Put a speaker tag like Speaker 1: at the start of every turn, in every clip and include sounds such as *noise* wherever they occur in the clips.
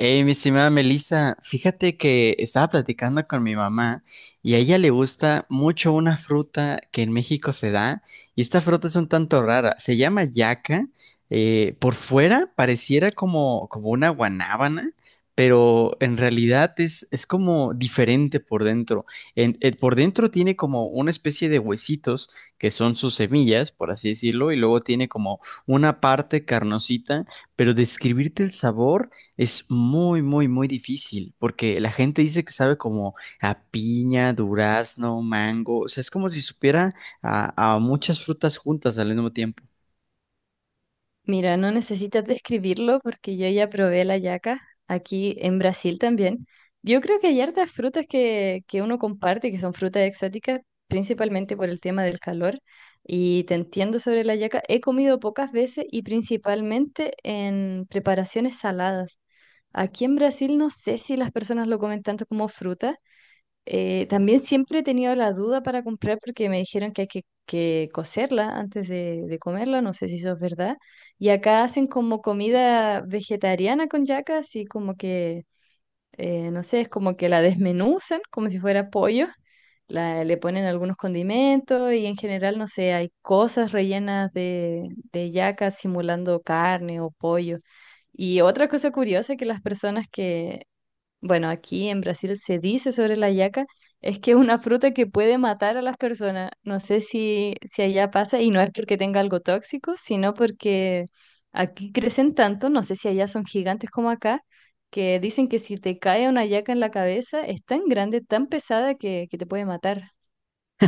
Speaker 1: Hey, mi estimada Melissa, fíjate que estaba platicando con mi mamá y a ella le gusta mucho una fruta que en México se da y esta fruta es un tanto rara, se llama yaca, por fuera pareciera como una guanábana, pero en realidad es como diferente por dentro. Por dentro tiene como una especie de huesitos que son sus semillas, por así decirlo, y luego tiene como una parte carnosita, pero describirte el sabor... Es muy, muy, muy difícil, porque la gente dice que sabe como a piña, durazno, mango, o sea, es como si supiera a muchas frutas juntas al mismo tiempo.
Speaker 2: Mira, no necesitas describirlo porque yo ya probé la yaca aquí en Brasil también. Yo creo que hay hartas frutas que uno comparte, que son frutas exóticas, principalmente por el tema del calor. Y te entiendo sobre la yaca. He comido pocas veces y principalmente en preparaciones saladas. Aquí en Brasil no sé si las personas lo comen tanto como fruta, también siempre he tenido la duda para comprar porque me dijeron que hay que cocerla antes de comerla, no sé si eso es verdad. Y acá hacen como comida vegetariana con yaca, así como que, no sé, es como que la desmenuzan como si fuera pollo, la, le ponen algunos condimentos y en general, no sé, hay cosas rellenas de yaca simulando carne o pollo. Y otra cosa curiosa que las personas que bueno, aquí en Brasil se dice sobre la yaca, es que es una fruta que puede matar a las personas. No sé si allá pasa, y no es porque tenga algo tóxico, sino porque aquí crecen tanto, no sé si allá son gigantes como acá, que dicen que si te cae una yaca en la cabeza, es tan grande, tan pesada que te puede matar.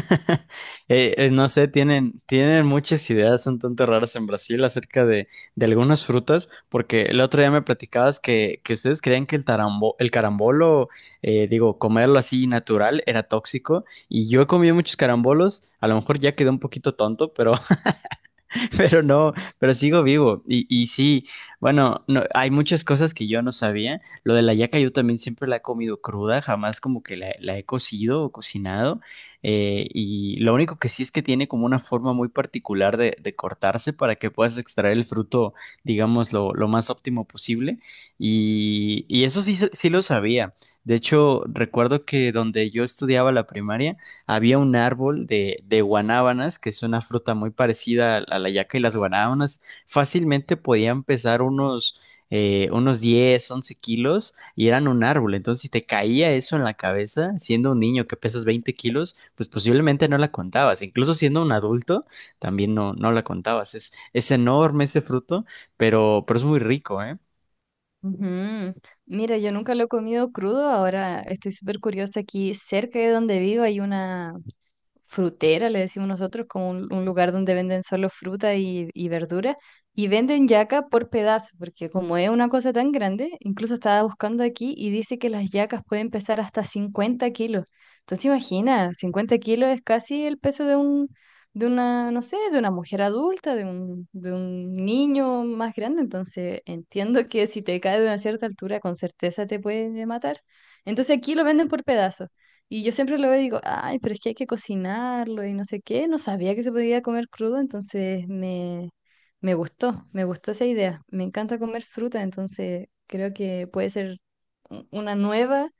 Speaker 1: *laughs* No sé, tienen muchas ideas un tanto raras en Brasil acerca de algunas frutas, porque el otro día me platicabas que ustedes creían que el carambolo, digo, comerlo así natural era tóxico, y yo he comido muchos carambolos, a lo mejor ya quedé un poquito tonto, pero *laughs* Pero no, pero sigo vivo. Y sí, bueno, no, hay muchas cosas que yo no sabía. Lo de la yaca yo también siempre la he comido cruda, jamás como que la he cocido o cocinado. Y lo único que sí es que tiene como una forma muy particular de cortarse para que puedas extraer el fruto, digamos, lo más óptimo posible. Y eso sí, sí lo sabía. De hecho, recuerdo que donde yo estudiaba la primaria, había un árbol de guanábanas, que es una fruta muy parecida a la yaca y las guanábanas, fácilmente podían pesar unos 10 u 11 kilos y eran un árbol. Entonces, si te caía eso en la cabeza, siendo un niño que pesas 20 kilos, pues posiblemente no la contabas. Incluso siendo un adulto, también no la contabas. Es enorme ese fruto, pero es muy rico, ¿eh?
Speaker 2: Ujú. Mira, yo nunca lo he comido crudo, ahora estoy súper curiosa. Aquí cerca de donde vivo hay una, frutera, le decimos nosotros, como un lugar donde venden solo fruta y verdura, y venden yaca por pedazo, porque como es una cosa tan grande, incluso estaba buscando aquí y dice que las yacas pueden pesar hasta 50 kilos. Entonces imagina, 50 kilos es casi el peso de un, de una, no sé, de una mujer adulta, de un niño más grande, entonces entiendo que si te cae de una cierta altura, con certeza te puede matar. Entonces aquí lo venden por pedazo. Y yo siempre lo veo y digo, ay, pero es que hay que cocinarlo y no sé qué. No sabía que se podía comer crudo, entonces me, me gustó esa idea. Me encanta comer fruta, entonces creo que puede ser una nueva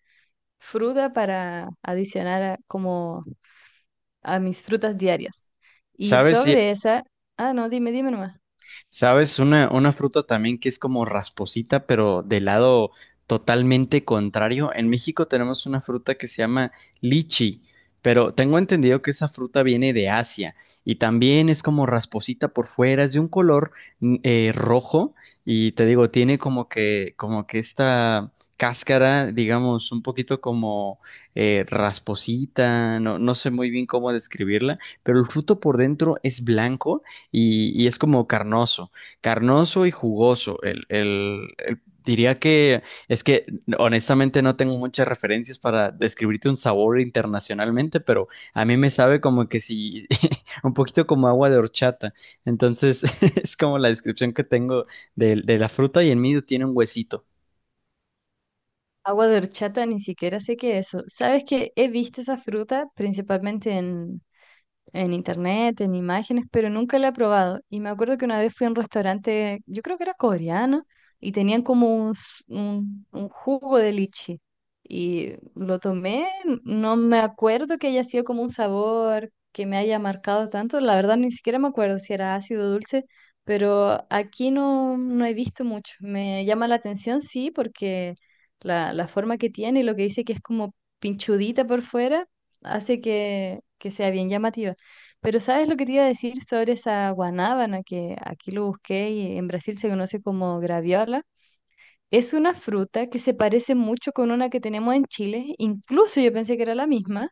Speaker 2: fruta para adicionar a, como a mis frutas diarias. Y
Speaker 1: ¿Sabes?
Speaker 2: sobre esa, ah, no, dime, dime nomás.
Speaker 1: Una fruta también que es como rasposita, pero del lado totalmente contrario. En México tenemos una fruta que se llama lichi, pero tengo entendido que esa fruta viene de Asia y también es como rasposita por fuera, es de un color rojo y te digo, tiene como que, esta cáscara, digamos, un poquito como rasposita, no sé muy bien cómo describirla, pero el fruto por dentro es blanco y es como carnoso, carnoso y jugoso. Diría que es que honestamente no tengo muchas referencias para describirte un sabor internacionalmente, pero a mí me sabe como que si *laughs* un poquito como agua de horchata. Entonces *laughs* es como la descripción que tengo de la fruta y en medio tiene un huesito.
Speaker 2: Agua de horchata, ni siquiera sé qué es eso. ¿Sabes que he visto esa fruta principalmente en internet, en imágenes, pero nunca la he probado? Y me acuerdo que una vez fui a un restaurante, yo creo que era coreano, y tenían como un, un jugo de lichi. Y lo tomé, no me acuerdo que haya sido como un sabor que me haya marcado tanto, la verdad ni siquiera me acuerdo si era ácido o dulce, pero aquí no, no he visto mucho. Me llama la atención, sí, porque la forma que tiene y lo que dice que es como pinchudita por fuera, hace que sea bien llamativa. Pero ¿sabes lo que te iba a decir sobre esa guanábana que aquí lo busqué y en Brasil se conoce como graviola? Es una fruta que se parece mucho con una que tenemos en Chile, incluso yo pensé que era la misma,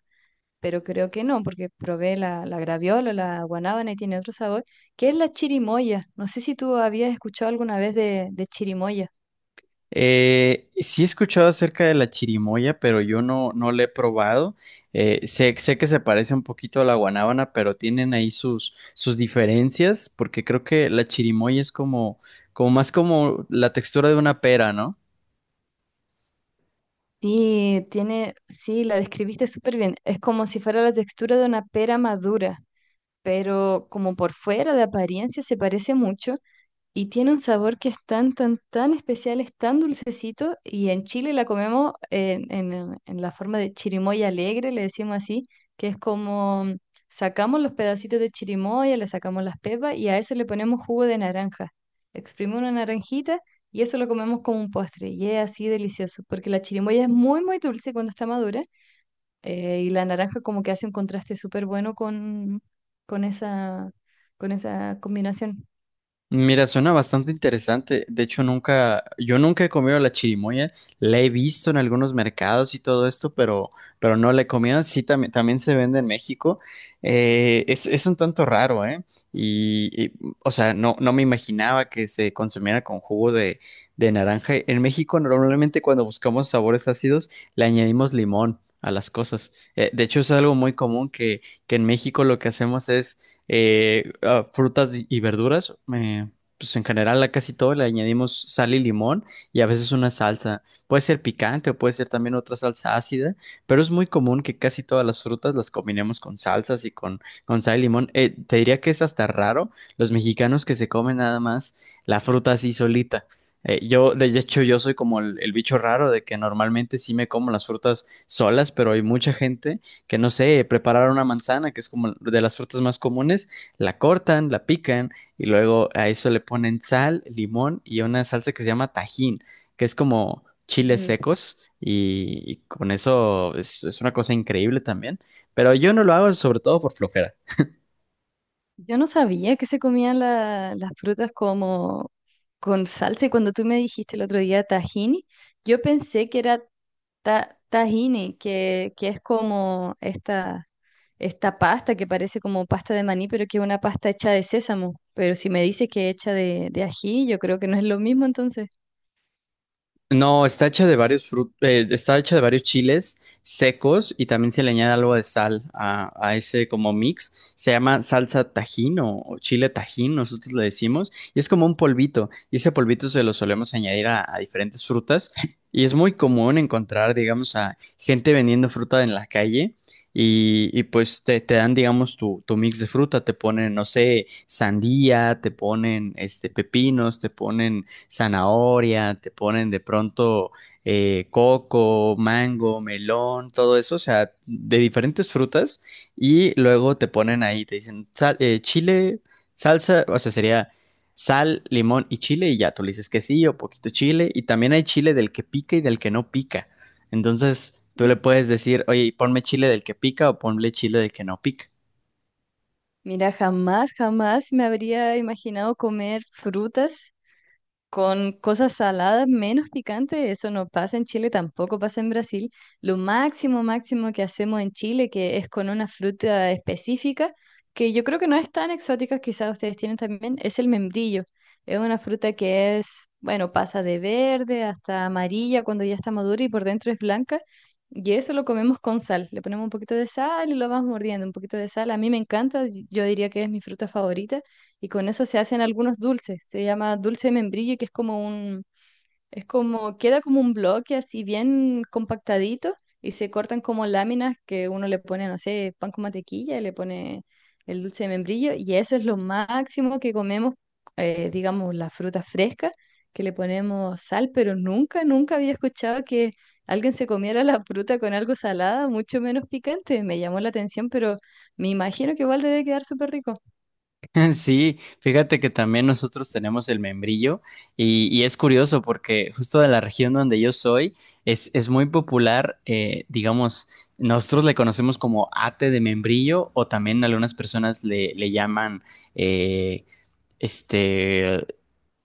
Speaker 2: pero creo que no, porque probé la, la graviola, la guanábana y tiene otro sabor, que es la chirimoya. No sé si tú habías escuchado alguna vez de chirimoya.
Speaker 1: Sí he escuchado acerca de la chirimoya, pero yo no la he probado. Sé que se parece un poquito a la guanábana, pero tienen ahí sus diferencias, porque creo que la chirimoya es como más como la textura de una pera, ¿no?
Speaker 2: Sí, tiene, sí, la describiste súper bien. Es como si fuera la textura de una pera madura, pero como por fuera de apariencia se parece mucho. Y tiene un sabor que es tan, tan, tan especial, es tan dulcecito. Y en Chile la comemos en, en la forma de chirimoya alegre, le decimos así, que es como mm, sacamos los pedacitos de chirimoya, le sacamos las pepas y a eso le ponemos jugo de naranja. Exprimimos una naranjita y eso lo comemos como un postre. Y es así delicioso, porque la chirimoya es muy, muy dulce cuando está madura. Y la naranja como que hace un contraste súper bueno con esa, con esa combinación.
Speaker 1: Mira, suena bastante interesante. De hecho, nunca, yo nunca he comido la chirimoya. La he visto en algunos mercados y todo esto, pero no la he comido. Sí, también se vende en México. Es un tanto raro, ¿eh? Y, y, o sea, no me imaginaba que se consumiera con jugo de naranja. En México, normalmente cuando buscamos sabores ácidos, le añadimos limón a las cosas. De hecho, es algo muy común que en México lo que hacemos es a frutas y verduras, pues en general a casi todo le añadimos sal y limón y a veces una salsa. Puede ser picante o puede ser también otra salsa ácida, pero es muy común que casi todas las frutas las combinemos con salsas y con sal y limón. Te diría que es hasta raro los mexicanos que se comen nada más la fruta así solita. Yo, de hecho, yo soy como el bicho raro de que normalmente sí me como las frutas solas, pero hay mucha gente que no sé, preparar una manzana, que es como de las frutas más comunes, la cortan, la pican y luego a eso le ponen sal, limón y una salsa que se llama tajín, que es como chiles
Speaker 2: Ujú.
Speaker 1: secos y con eso es una cosa increíble también, pero yo no lo hago sobre todo por flojera.
Speaker 2: Yo no sabía que se comían las frutas como con salsa y cuando tú me dijiste el otro día tahini, yo pensé que era tahini, que es como esta pasta que parece como pasta de maní, pero que es una pasta hecha de sésamo. Pero si me dices que es hecha de ají, yo creo que no es lo mismo entonces.
Speaker 1: No, está hecha de varios chiles secos y también se le añade algo de sal a ese como mix. Se llama salsa tajín o chile tajín, nosotros le decimos, y es como un polvito. Y ese polvito se lo solemos añadir a diferentes frutas y es muy común encontrar, digamos, a gente vendiendo fruta en la calle. Y pues te dan, digamos, tu mix de fruta, te ponen, no sé, sandía, te ponen pepinos, te ponen zanahoria, te ponen de pronto coco, mango, melón, todo eso, o sea, de diferentes frutas y luego te ponen ahí, te dicen chile, salsa, o sea, sería sal, limón y chile y ya, tú le dices que sí o poquito chile y también hay chile del que pica y del que no pica. Entonces, tú le
Speaker 2: *laughs*
Speaker 1: puedes decir, oye, ponme chile del que pica o ponle chile del que no pica.
Speaker 2: Mira, jamás, jamás me habría imaginado comer frutas. Con cosas saladas menos picantes, eso no pasa en Chile, tampoco pasa en Brasil. Lo máximo, máximo que hacemos en Chile, que es con una fruta específica, que yo creo que no es tan exótica, quizás ustedes tienen también, es el membrillo. Es una fruta que es, bueno, pasa de verde hasta amarilla cuando ya está madura y por dentro es blanca. Y eso lo comemos con sal. Le ponemos un poquito de sal y lo vamos mordiendo, un poquito de sal. A mí me encanta, yo diría que es mi fruta favorita y con eso se hacen algunos dulces. Se llama dulce de membrillo, que es como un, es como, queda como un bloque así bien compactadito y se cortan como láminas que uno le pone, no sé, pan con mantequilla y le pone el dulce de membrillo y eso es lo máximo que comemos, digamos, la fruta fresca, que le ponemos sal, pero nunca, nunca había escuchado que... Alguien se comiera la fruta con algo salada, mucho menos picante, me llamó la atención, pero me imagino que igual debe quedar súper rico.
Speaker 1: *laughs* Sí, fíjate que también nosotros tenemos el membrillo y es curioso porque justo de la región donde yo soy es muy popular, digamos, nosotros le conocemos como ate de membrillo o también algunas personas le llaman eh, este,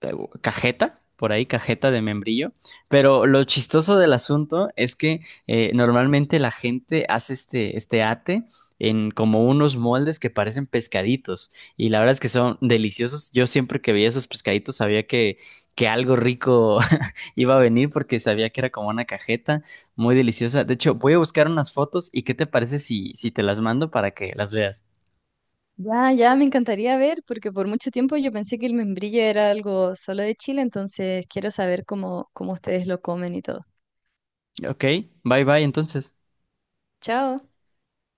Speaker 1: eh, cajeta, por ahí, cajeta de membrillo. Pero lo chistoso del asunto es que normalmente la gente hace este ate en como unos moldes que parecen pescaditos. Y la verdad es que son deliciosos. Yo siempre que veía esos pescaditos sabía que algo rico *laughs* iba a venir porque sabía que era como una cajeta muy deliciosa. De hecho, voy a buscar unas fotos y ¿qué te parece si te las mando para que las veas?
Speaker 2: Ya, ya me encantaría ver, porque por mucho tiempo yo pensé que el membrillo era algo solo de Chile, entonces quiero saber cómo, cómo ustedes lo comen y todo.
Speaker 1: Ok, bye bye entonces.
Speaker 2: Chao.